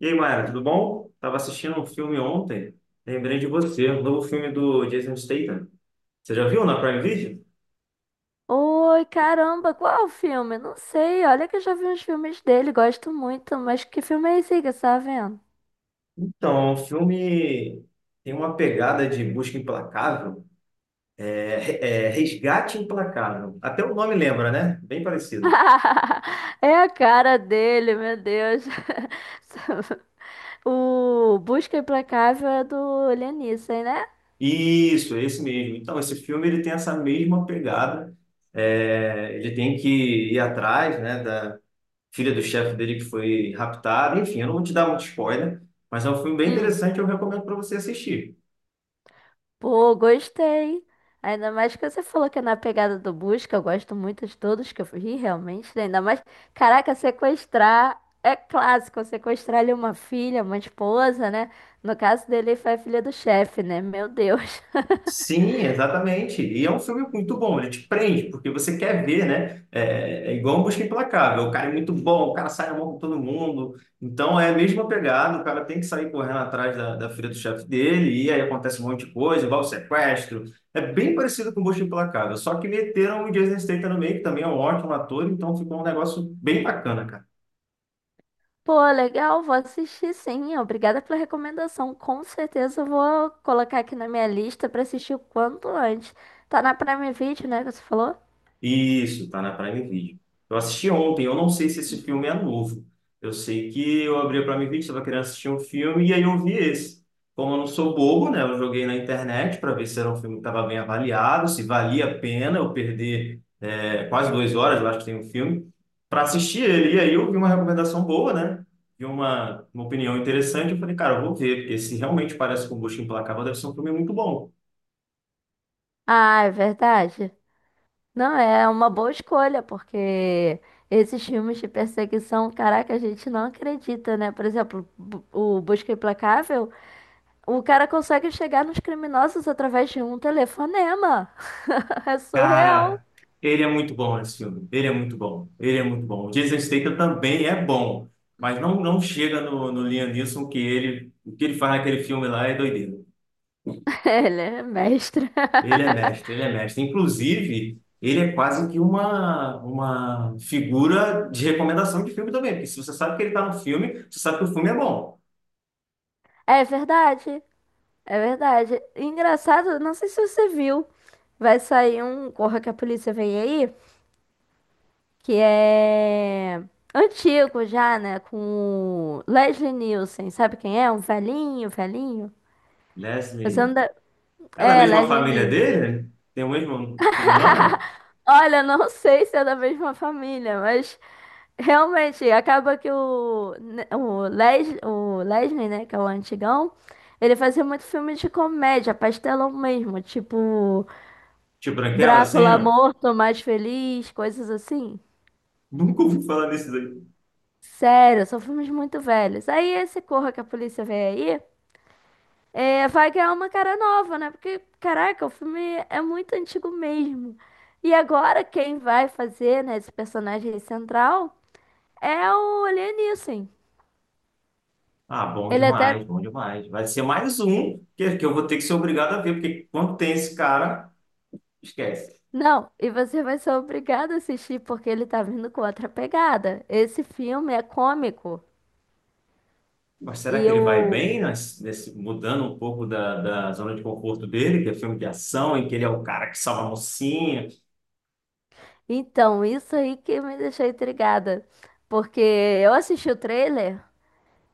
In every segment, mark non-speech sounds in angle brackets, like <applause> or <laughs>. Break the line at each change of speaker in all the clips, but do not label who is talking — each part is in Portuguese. E aí, Mayra, tudo bom? Tava assistindo um filme ontem, lembrei de você, o novo filme do Jason Statham. Você já viu na Prime Video?
Oi, caramba, qual o filme? Não sei, olha que eu já vi uns filmes dele, gosto muito, mas que filme é esse aí que você tá vendo?
Então, o filme tem uma pegada de busca implacável, resgate implacável. Até o nome lembra, né? Bem parecido.
<laughs> É a cara dele, meu Deus. <laughs> O Busca Implacável é do Liam Neeson, né?
Isso, é esse mesmo. Então, esse filme ele tem essa mesma pegada. É, ele tem que ir atrás, né, da filha do chefe dele que foi raptada. Enfim, eu não vou te dar muito spoiler, mas é um filme bem interessante, eu recomendo para você assistir.
Pô, gostei. Ainda mais que você falou que é na pegada do busca. Eu gosto muito de todos que eu vi, realmente, né? Ainda mais, caraca, sequestrar é clássico. Sequestrar ali uma filha, uma esposa, né? No caso dele, foi a filha do chefe, né? Meu Deus.
Sim, exatamente. E é um filme muito bom, ele te prende, porque você quer ver, né? É igual um Busca Implacável. O cara é muito bom, o cara sai na mão com todo mundo. Então é a mesma pegada, o cara tem que sair correndo atrás da filha do chefe dele, e aí acontece um monte de coisa, igual o sequestro. É bem parecido com o Busca Implacável, só que meteram o Jason Statham no meio, que também é um ótimo ator, então ficou um negócio bem bacana, cara.
<laughs> Pô, legal, vou assistir sim. Obrigada pela recomendação. Com certeza eu vou colocar aqui na minha lista pra assistir o quanto antes. Tá na Prime Video, né, que você falou?
Isso, tá na Prime Video. Eu assisti ontem, eu não sei se esse filme é novo. Eu sei que eu abri a Prime Video, estava querendo assistir um filme e aí eu vi esse. Como eu não sou bobo, né? Eu joguei na internet para ver se era um filme que estava bem avaliado, se valia a pena eu perder quase 2 horas, eu acho que tem um filme, para assistir ele. E aí eu vi uma recomendação boa, né? Vi uma opinião interessante. Eu falei, cara, eu vou ver, porque se realmente parece com o Busca Implacável, deve ser um filme muito bom.
Ah, é verdade. Não, é uma boa escolha, porque esses filmes de perseguição, caraca, a gente não acredita, né? Por exemplo, o Busca Implacável, o cara consegue chegar nos criminosos através de um telefonema. <laughs> É surreal.
Cara, ele é muito bom esse filme. Ele é muito bom. Ele é muito bom. O Jason Statham também é bom, mas não chega no Liam Neeson que ele o que ele faz naquele filme lá é doideira.
<laughs> Ele é mestre.
Ele é mestre, ele é mestre. Inclusive, ele é quase que uma figura de recomendação de filme também, porque se você sabe que ele está no filme, você sabe que o filme é bom.
É verdade, é verdade. Engraçado, não sei se você viu, vai sair um Corra que a Polícia Vem Aí, que é antigo já, né? Com o Leslie Nielsen, sabe quem é? Um velhinho, velhinho. Você
Leslie
não deve...
é da
É,
mesma família
Legioninhas.
dele? Tem o mesmo sobrenome, não?
Olha, não <laughs> sei se é da mesma família, mas realmente acaba que o Leslie, né, que é o antigão, ele fazia muito filme de comédia, pastelão mesmo, tipo
Tio Branquela, assim,
Drácula
não?
morto, mais feliz, coisas assim.
Nunca ouvi falar nesse.
Sério, são filmes muito velhos. Aí esse Corra que a Polícia Vem Aí. É, vai ganhar uma cara nova, né? Porque, caraca, o filme é muito antigo mesmo. E agora quem vai fazer, né, esse personagem central é o Liam.
Ah, bom
Ele até.
demais, bom demais. Vai ser mais um que eu vou ter que ser obrigado a ver, porque quando tem esse cara, esquece.
Não, e você vai ser obrigado a assistir porque ele tá vindo com outra pegada. Esse filme é cômico.
Mas será
E
que ele vai
eu.
bem nesse, mudando um pouco da zona de conforto dele, que é filme de ação, em que ele é o cara que salva a mocinha?
Então, isso aí que me deixou intrigada. Porque eu assisti o trailer.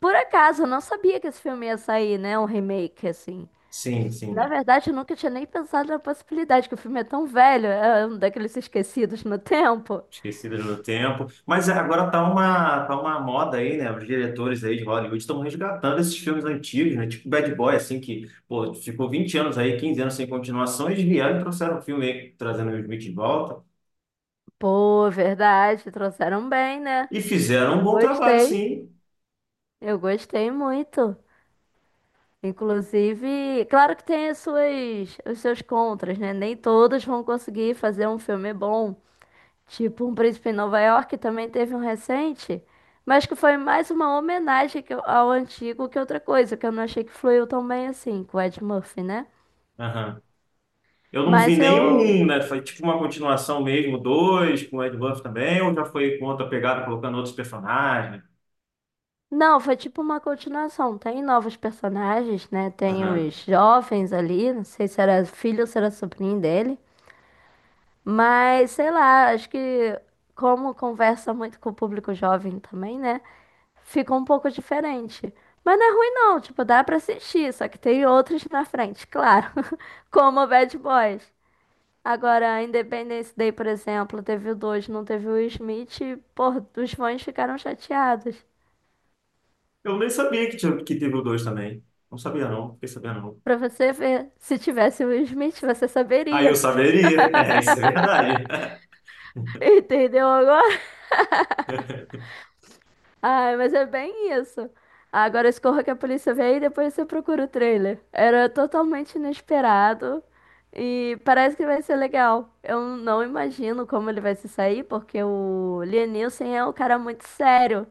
Por acaso, eu não sabia que esse filme ia sair, né? Um remake, assim.
Sim,
Na
sim,
verdade, eu nunca tinha nem pensado na possibilidade, que o filme é tão velho, é um daqueles esquecidos no tempo.
esquecido no tempo. Mas é, agora tá tá uma moda aí, né? Os diretores aí de Hollywood estão resgatando esses filmes antigos, né? Tipo Bad Boy, assim, que pô, ficou 20 anos aí, 15 anos sem continuação, eles vieram e trouxeram um filme aí, trazendo o Will Smith de volta.
Pô, verdade, trouxeram bem, né?
E fizeram um
Eu
bom trabalho,
gostei,
sim.
eu gostei muito. Inclusive, claro que tem as suas, os seus contras, né? Nem todos vão conseguir fazer um filme bom. Tipo, Um Príncipe em Nova York também teve um recente, mas que foi mais uma homenagem ao antigo que outra coisa, que eu não achei que fluiu tão bem assim, com o Ed Murphy, né?
Aham. Eu não vi
Mas
nenhum
eu.
um, né? Foi tipo uma continuação mesmo, dois, com o Ed Buff também, ou já foi com outra pegada, colocando outros personagens.
Não, foi tipo uma continuação. Tem novos personagens, né? Tem
Aham.
os jovens ali, não sei se era filho ou se era sobrinho dele. Mas sei lá, acho que como conversa muito com o público jovem também, né? Ficou um pouco diferente. Mas não é ruim não, tipo, dá pra assistir, só que tem outros na frente, claro. <laughs> Como o Bad Boys. Agora, Independence Day, por exemplo, teve o 2, não teve o Will Smith, e, pô, os fãs ficaram chateados.
Eu nem sabia que teve o dois também. Não sabia, não. Fiquei sabendo, não.
Pra você ver, se tivesse o Will Smith, você
Aí eu
saberia.
saberia. <laughs> É, isso é verdade.
<laughs> Entendeu agora? Ai, mas é bem isso. Agora escorra que a polícia vem e depois você procura o trailer. Era totalmente inesperado e parece que vai ser legal. Eu não imagino como ele vai se sair, porque o Liam Neeson é um cara muito sério.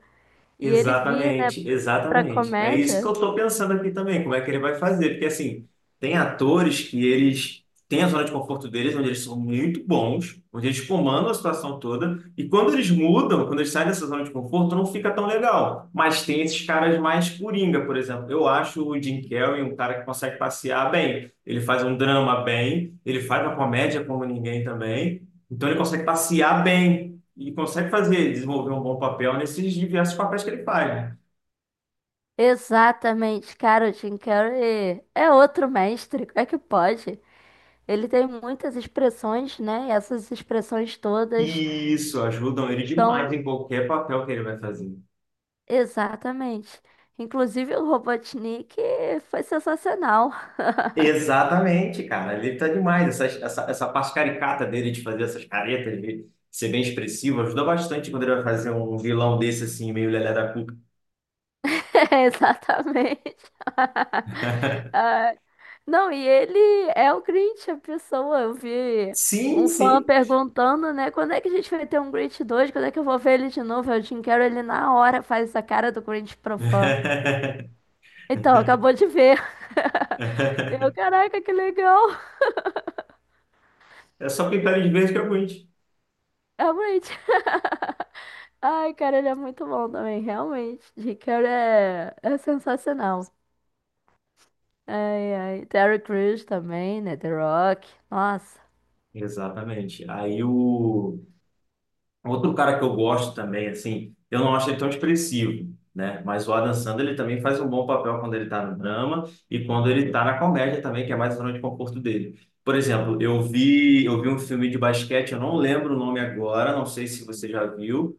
E ele vir, né,
Exatamente,
pra
exatamente. É isso que eu
comédia.
estou pensando aqui também, como é que ele vai fazer. Porque, assim, tem atores que eles têm a zona de conforto deles, onde eles são muito bons, onde eles comandam a situação toda, e quando eles mudam, quando eles saem dessa zona de conforto, não fica tão legal. Mas tem esses caras mais coringa, por exemplo. Eu acho o Jim Carrey um cara que consegue passear bem. Ele faz um drama bem, ele faz uma comédia como ninguém também. Então, ele consegue passear bem. E consegue fazer, desenvolver um bom papel nesses diversos papéis que ele faz, né?
Exatamente, cara, o Jim Carrey é outro mestre. Como é que pode? Ele tem muitas expressões, né? E essas expressões todas
E isso ajuda ele demais
são,
em qualquer papel que ele vai fazer.
exatamente. Inclusive o Robotnik foi sensacional. <laughs>
Exatamente, cara. Ele tá demais. Essa parte caricata dele de fazer essas caretas, de ser bem expressivo, ajuda bastante quando ele vai fazer um vilão desse, assim, meio lelé da cuca.
É, exatamente.
<laughs>
Ah, não, e ele é o Grinch, a pessoa. Eu vi
Sim,
um fã
sim.
perguntando, né? Quando é que a gente vai ter um Grinch 2? Quando é que eu vou ver ele de novo? Eu Jim Carrey, ele na hora faz essa cara do Grinch pro fã.
<laughs>
Então, acabou de ver. <laughs> Eu, caraca, que legal.
É só pintar eles de verde que é ruim.
É o Grinch. Ai, cara, ele é muito bom também, realmente. Ricardo é, é sensacional. Ai, ai. Terry Crews também, né? The Rock. Nossa,
Exatamente. Aí o. Outro cara que eu gosto também, assim, eu não acho ele tão expressivo, né? Mas o Adam Sandler, ele também faz um bom papel quando ele tá no drama e quando ele tá na comédia também, que é mais a zona de conforto dele. Por exemplo, eu vi um filme de basquete, eu não lembro o nome agora, não sei se você já viu,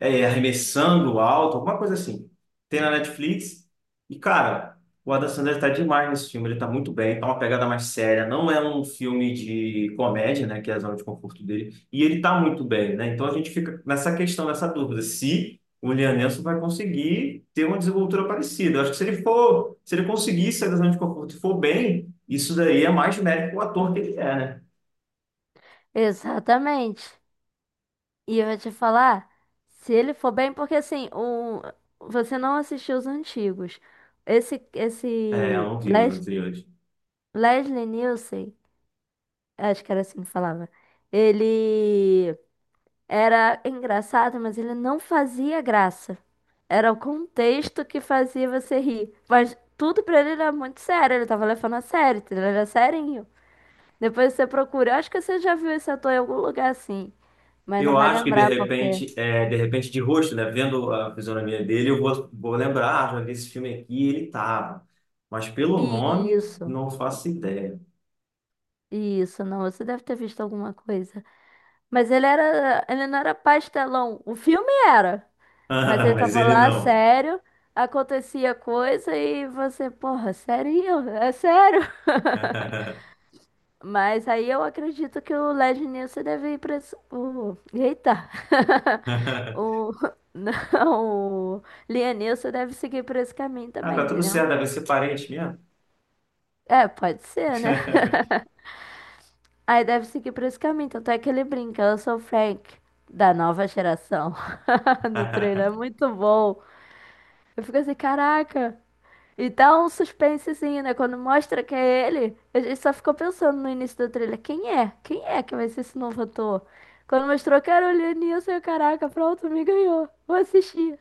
arremessando alto, alguma coisa assim. Tem na Netflix. E, cara, o Adam Sandler tá demais nesse filme. Ele tá muito bem, tá uma pegada mais séria. Não é um filme de comédia, né? Que é a zona de conforto dele. E ele tá muito bem, né? Então a gente fica nessa questão, nessa dúvida, se o Liam Neeson vai conseguir ter uma desenvoltura parecida. Eu acho que se ele for, se ele conseguir sair da zona de conforto e for bem, isso daí é mais mérito pro ator que ele é, né?
exatamente. E eu vou te falar, se ele for bem, porque assim, o, você não assistiu os antigos. Esse,
É, eu
esse
não vi os
Les-
anteriores.
Leslie Nielsen, acho que era assim que falava. Ele. Era engraçado, mas ele não fazia graça. Era o contexto que fazia você rir. Mas tudo pra ele era muito sério. Ele tava levando a sério, entendeu? Ele era serinho. Depois você procura. Eu acho que você já viu esse ator em algum lugar assim. Mas não
Eu
vai
acho que de
lembrar porque.
repente, de repente de rosto, né, vendo a fisionomia dele, vou lembrar, ah, já vi esse filme aqui, ele tava. Mas pelo nome,
Isso,
não faço ideia. <laughs>
isso, não. Você deve ter visto alguma coisa. Mas ele era. Ele não era pastelão. O filme era. Mas
Ah,
ele
mas
tava
ele
lá
não.
sério. Acontecia coisa e você, porra, sério? É sério? <laughs>
<laughs>
Mas aí eu acredito que o Led Nilson deve ir para o. Eita! <laughs> O. Não, o Lianilson deve seguir por esse caminho
Ah,
também,
tá tudo
entendeu?
certo, deve ser parente mesmo.
É, pode ser, né?
<laughs>
Aí deve seguir por esse caminho. Tanto é que ele brinca, eu sou o Frank, da nova geração. <laughs> No trailer é muito bom. Eu fico assim, caraca, e dá um suspensezinho, né? Quando mostra que é ele, a gente só ficou pensando no início do trailer, quem é? Quem é que vai ser esse novo ator? Quando mostrou que era o Lianilson, eu, caraca, pronto, me ganhou. Vou assistir.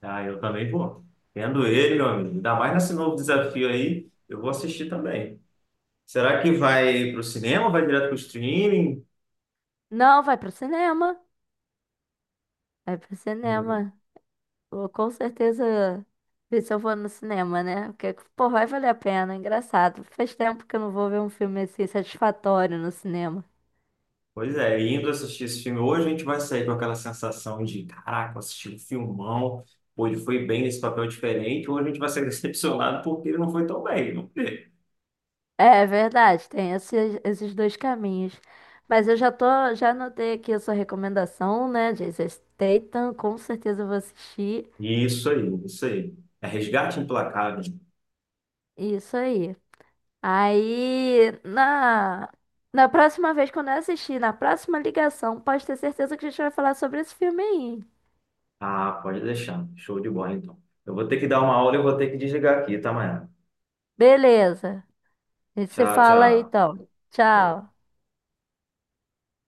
Ah, eu também vou. Vendo ele, meu amigo, ainda mais nesse novo desafio aí, eu vou assistir também. Será que vai pro cinema, ou vai direto pro streaming?
Não, vai pro cinema. Vai pro cinema. Vou com certeza ver se eu vou no cinema, né? Porque, pô, vai valer a pena, é engraçado. Faz tempo que eu não vou ver um filme assim satisfatório no cinema.
Pois é, indo assistir esse filme hoje, a gente vai sair com aquela sensação de, caraca, assisti um filmão, pô, ele foi bem nesse papel diferente, hoje a gente vai ser <laughs> decepcionado porque ele não foi tão bem, não foi?
É verdade, tem esses, esses dois caminhos. Mas eu já tô, já anotei aqui a sua recomendação, né? Jason Statham, com certeza eu vou assistir.
Isso aí, isso aí. É Resgate Implacável.
Isso aí. Aí, na, Na próxima vez, quando eu assistir, na próxima ligação, pode ter certeza que a gente vai falar sobre esse filme aí.
Ah, pode deixar. Show de bola, então. Eu vou ter que dar uma aula e eu vou ter que desligar aqui, tá, Maia?
Beleza. A gente se
Tchau,
fala aí,
tchau.
então.
Show.
Tchau.